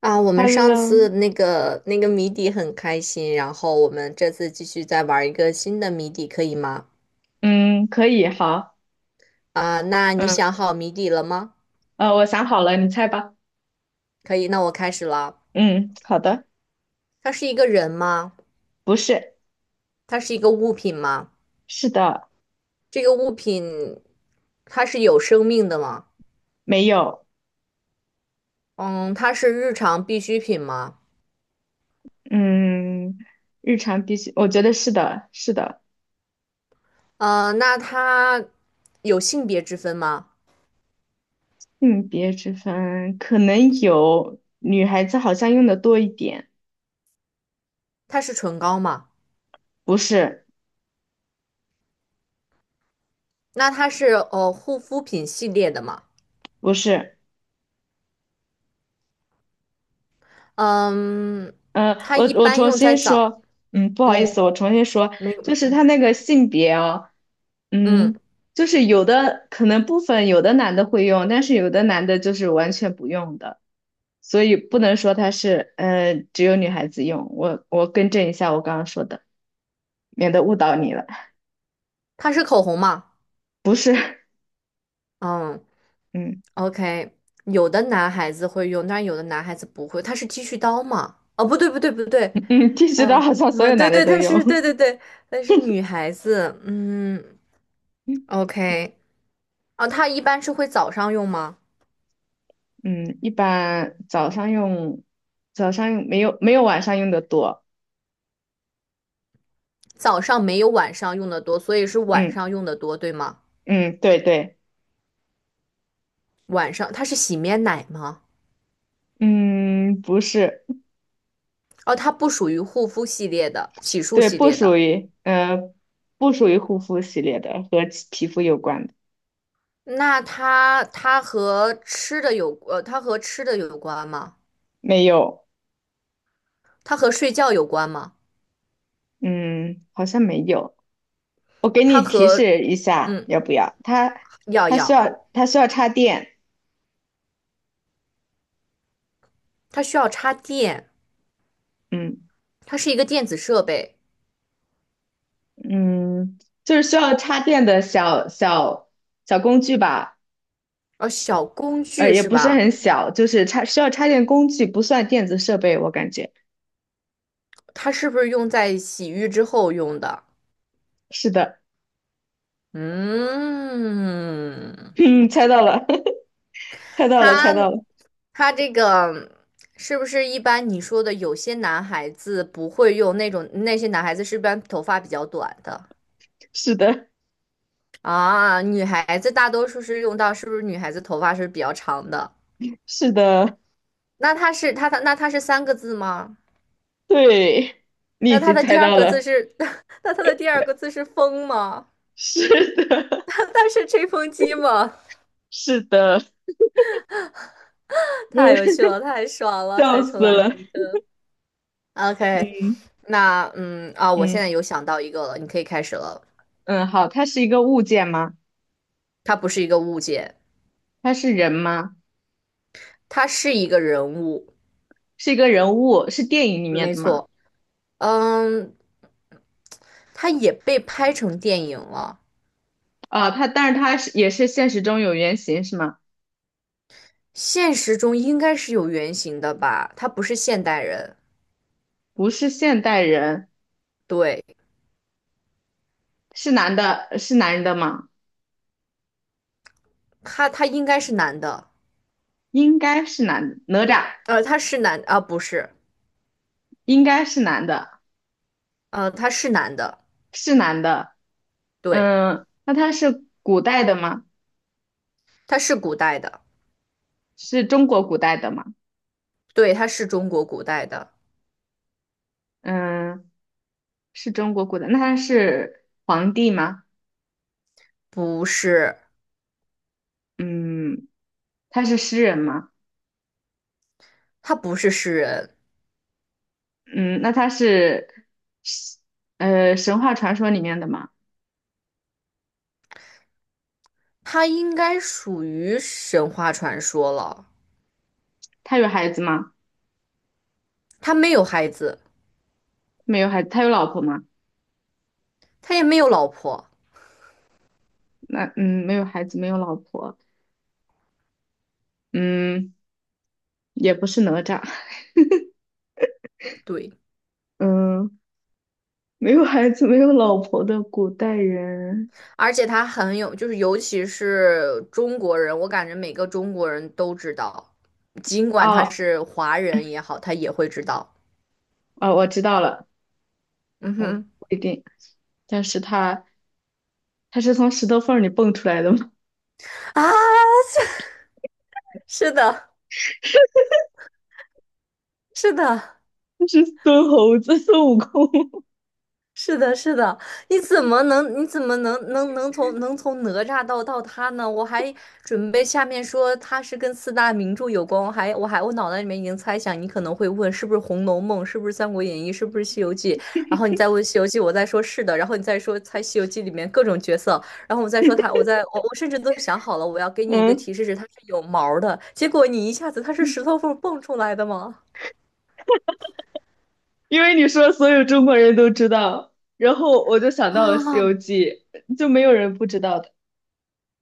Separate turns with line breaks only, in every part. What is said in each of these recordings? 啊，我们上
Hello，
次那个谜底很开心，然后我们这次继续再玩一个新的谜底，可以吗？
嗯，可以，好，
啊，那你
嗯，
想好谜底了吗？
我想好了，你猜吧。
可以，那我开始了。
嗯，好的，
它是一个人吗？
不是，
它是一个物品吗？
是的，
这个物品它是有生命的吗？
没有，
嗯，它是日常必需品吗？
嗯，日常必须，我觉得是的，是的，
那它有性别之分吗？
性别之分可能有，女孩子好像用的多一点，
它是唇膏吗？
不是，
那它是护肤品系列的吗？
不是。
嗯，
嗯，呃
它
我
一
我
般
重
用在
新
早。
说，嗯，不好意
嗯，
思，我重新说，
没，
就是他那个性别哦，
嗯，
嗯，就是有的可能部分有的男的会用，但是有的男的就是完全不用的，所以不能说他是，只有女孩子用。我更正一下我刚刚说的，免得误导你了。
它是口红吗？嗯
嗯
，OK，有的男孩子会用，但是有的男孩子不会。它是剃须刀吗？哦，不对，不对，不对，
嗯，剃须刀
啊、
好像 所
啊，
有
对
男的
对，
都
它
用。
是，对 对对，但是女孩子，嗯，OK，啊，它一般是会早上用吗？
嗯，一般早上用，早上用没有晚上用的多。
早上没有晚上用的多，所以是晚
嗯
上用的多，对吗？
嗯，对对。
晚上它是洗面奶吗？
嗯，不是，
哦，它不属于护肤系列的，洗漱
对，
系
不
列
属
的。
于，不属于护肤系列的，和其皮肤有关的，
那它和吃的它和吃的有关吗？
没有，
它和睡觉有关吗？
嗯，好像没有。我给你
它
提
和
示一下，
嗯，
要不要？它
要
它需
要，
要它需要插电，
它需要插电，
嗯
它是一个电子设备，
嗯，就是需要插电的小小工具吧，
呃，小工具
也
是
不是
吧？
很小，就是需要插电工具，不算电子设备，我感觉
它是不是用在洗浴之后用的？
是的，
嗯，
嗯，猜到了，猜到了，猜
它
到了，
它这个是不是一般你说的有些男孩子不会用那种，那些男孩子是不是一般头发比较短的？
是的，
啊，女孩子大多数是用到，是不是女孩子头发是比较长的？
是的。
那它是三个字吗？
对，你已
那它
经
的第
猜
二
到
个字
了，
是 那它的第二个字是风吗？
是 的，
它是吹风机吗？
是的，嗯，
太有趣了，太爽了，
笑
猜
死
出来那
了，
一个。OK，
嗯
那我现在
嗯
有想到一个了，你可以开始了。
嗯，好，他是一个物件吗？
它不是一个物件，
他是人吗？
它是一个人物，
是一个人物，是电影里面
没
的吗？
错。嗯，它也被拍成电影了。
啊，但是他是也是现实中有原型是吗？
现实中应该是有原型的吧？他不是现代人，
不是现代人，
对，
是男的，是男人的吗？
他应该是男的，
应该是男的，哪吒
呃，他是男啊，不是，
应该是男的，
呃，他是男的，
是男的，
对，
嗯，那他是古代的吗？
他是古代的，
是中国古代的吗？
对，他是中国古代的，
嗯。是中国古代，那他是皇帝吗？
不是，
嗯，他是诗人吗？
他不是诗人，
嗯，那他是神话传说里面的吗？
他应该属于神话传说了，
他有孩子吗？
他没有孩子，
没有孩子，他有老婆吗？
他也没有老婆，
那嗯，没有孩子，没有老婆，嗯，也不是哪吒，
对。
嗯，没有孩子，没有老婆的古代人，
而且他很有，就是尤其是中国人，我感觉每个中国人都知道，尽管他
哦
是华人也好，他也会知道。
哦，我知道了，
嗯
我不
哼，
一定，但是他是从石头缝儿里蹦出来的吗？
啊，是的，是的。
是孙猴子，孙悟空，
是的，是的，你怎么能，你怎么能从哪吒到他呢？我还准备下面说他是跟四大名著有关，我脑袋里面已经猜想你可能会问是不是《红楼梦》，是不是《三国演义》，是不是《西游记》，然后你再问《西游记》，我再说是的，然后你再说猜《西游记》里面各种角色，然后我再说他，我再我我甚至都想好了，我要给 你一个
嗯。
提示是他是有毛儿的，结果你一下子他是石头缝儿蹦出来的吗？
因为你说所有中国人都知道，然后我就想 到了《西游
啊，
记》，就没有人不知道的。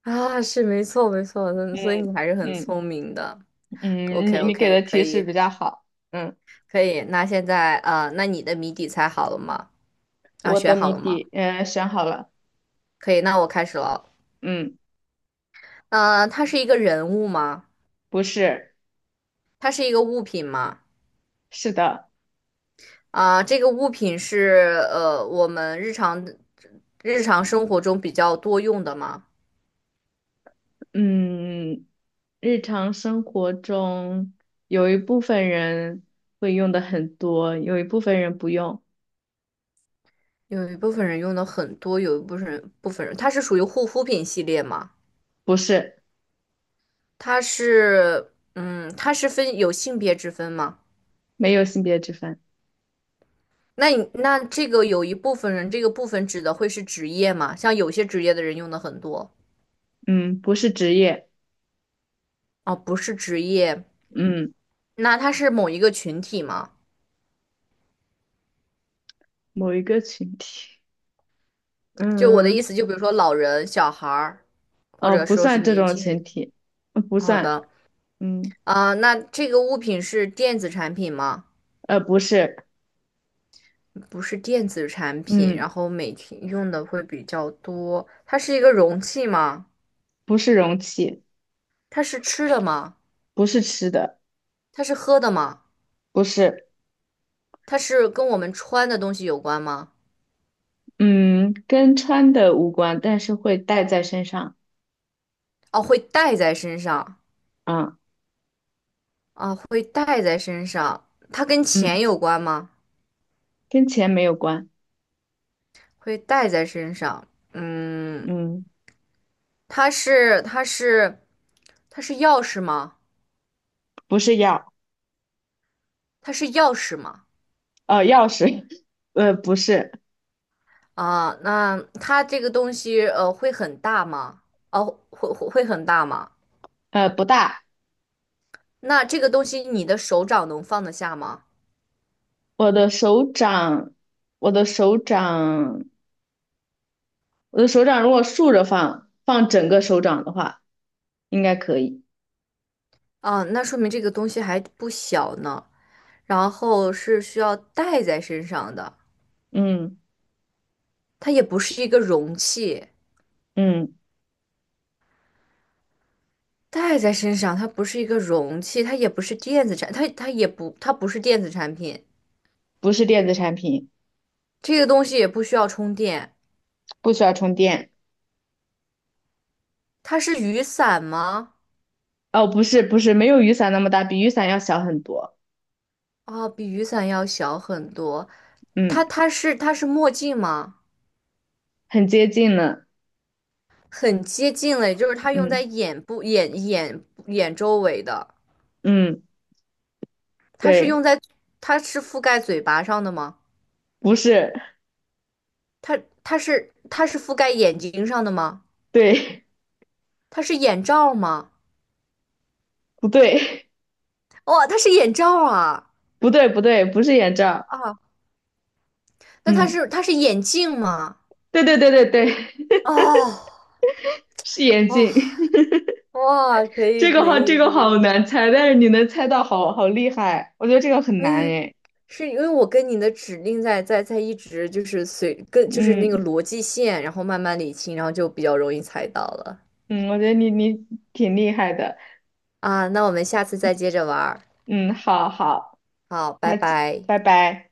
啊，是没错没错，嗯，所以
嗯
你还是很
嗯
聪明的。
嗯，
OK
你给
OK，
的
可
提示
以
比较好。嗯，
可以。那现在那你的谜底猜好了吗？啊，
我的
选好
谜
了吗？
底，嗯、选好了。
可以，那我开始了。
嗯，
呃，它是一个人物吗？
不是，
它是一个物品吗？
是的。
啊，这个物品是我们日常生活中比较多用的吗？
嗯，日常生活中有一部分人会用的很多，有一部分人不用。
有一部分人用的很多，有一部分人它是属于护肤品系列吗？
不是，
它是嗯，它是分有性别之分吗？
没有性别之分。
那你那这个有一部分人，这个部分指的会是职业吗？像有些职业的人用的很多
嗯，不是职业。
哦，不是职业，
嗯，
那他是某一个群体吗？
某一个群体。
就我的
嗯。
意思，就比如说老人、小孩儿，或者
不
说是
算这
年
种
轻
群
人。
体，不
好
算，
的，
嗯，
啊、那这个物品是电子产品吗？
不是，
不是电子产品，
嗯，
然后每天用的会比较多。它是一个容器吗？
不是容器，
它是吃的吗？
不是吃的，
它是喝的吗？
不是，
它是跟我们穿的东西有关吗？
嗯，跟穿的无关，但是会带在身上，
哦，会带在身上。
啊，
啊，会带在身上，它跟
嗯，
钱有关吗？
跟钱没有关，
会带在身上，嗯，
嗯，
它是它是它是钥匙吗？
不是钥，
它是钥匙吗？
钥匙，不是，
啊，那它这个东西会很大吗？哦，会很大吗？
不大，
那这个东西你的手掌能放得下吗？
我的手掌，我的手掌，我的手掌如果竖着放，放整个手掌的话，应该可以，
啊，那说明这个东西还不小呢，然后是需要带在身上的，
嗯
它也不是一个容器。
嗯，
戴在身上，它不是一个容器，它不是电子产品，
不是电子产品。
这个东西也不需要充电。
不需要充电。
它是雨伞吗？
哦，不是不是，没有雨伞那么大，比雨伞要小很多。
哦，比雨伞要小很多。它
嗯，
它是它是墨镜吗？
很接近呢。
很接近了，也就是它用在
嗯
眼部、眼周围的。
嗯，
它是用
对，
在，它是覆盖嘴巴上的吗？
不是，
它它是覆盖眼睛上的吗？
对，
它是眼罩吗？
不对，
哇、它是眼罩啊！
不对，不对，不是眼罩。
啊！那它
嗯，
是它是眼镜吗？
对对对对对，
哦，
是眼
哇
镜。
哇，可
这
以
个
可
好，这
以可
个好
以，
难猜，但是你能猜到好，好厉害。我觉得这个很
可
难
以，
诶。
是因为我跟你的指令在一直就是随跟就是那个
嗯
逻辑线，然后慢慢理清，然后就比较容易猜到了
嗯，我觉得你挺厉害的。
啊。那我们下次再接着玩儿，
嗯，好好，
好，拜
那就
拜。
拜拜。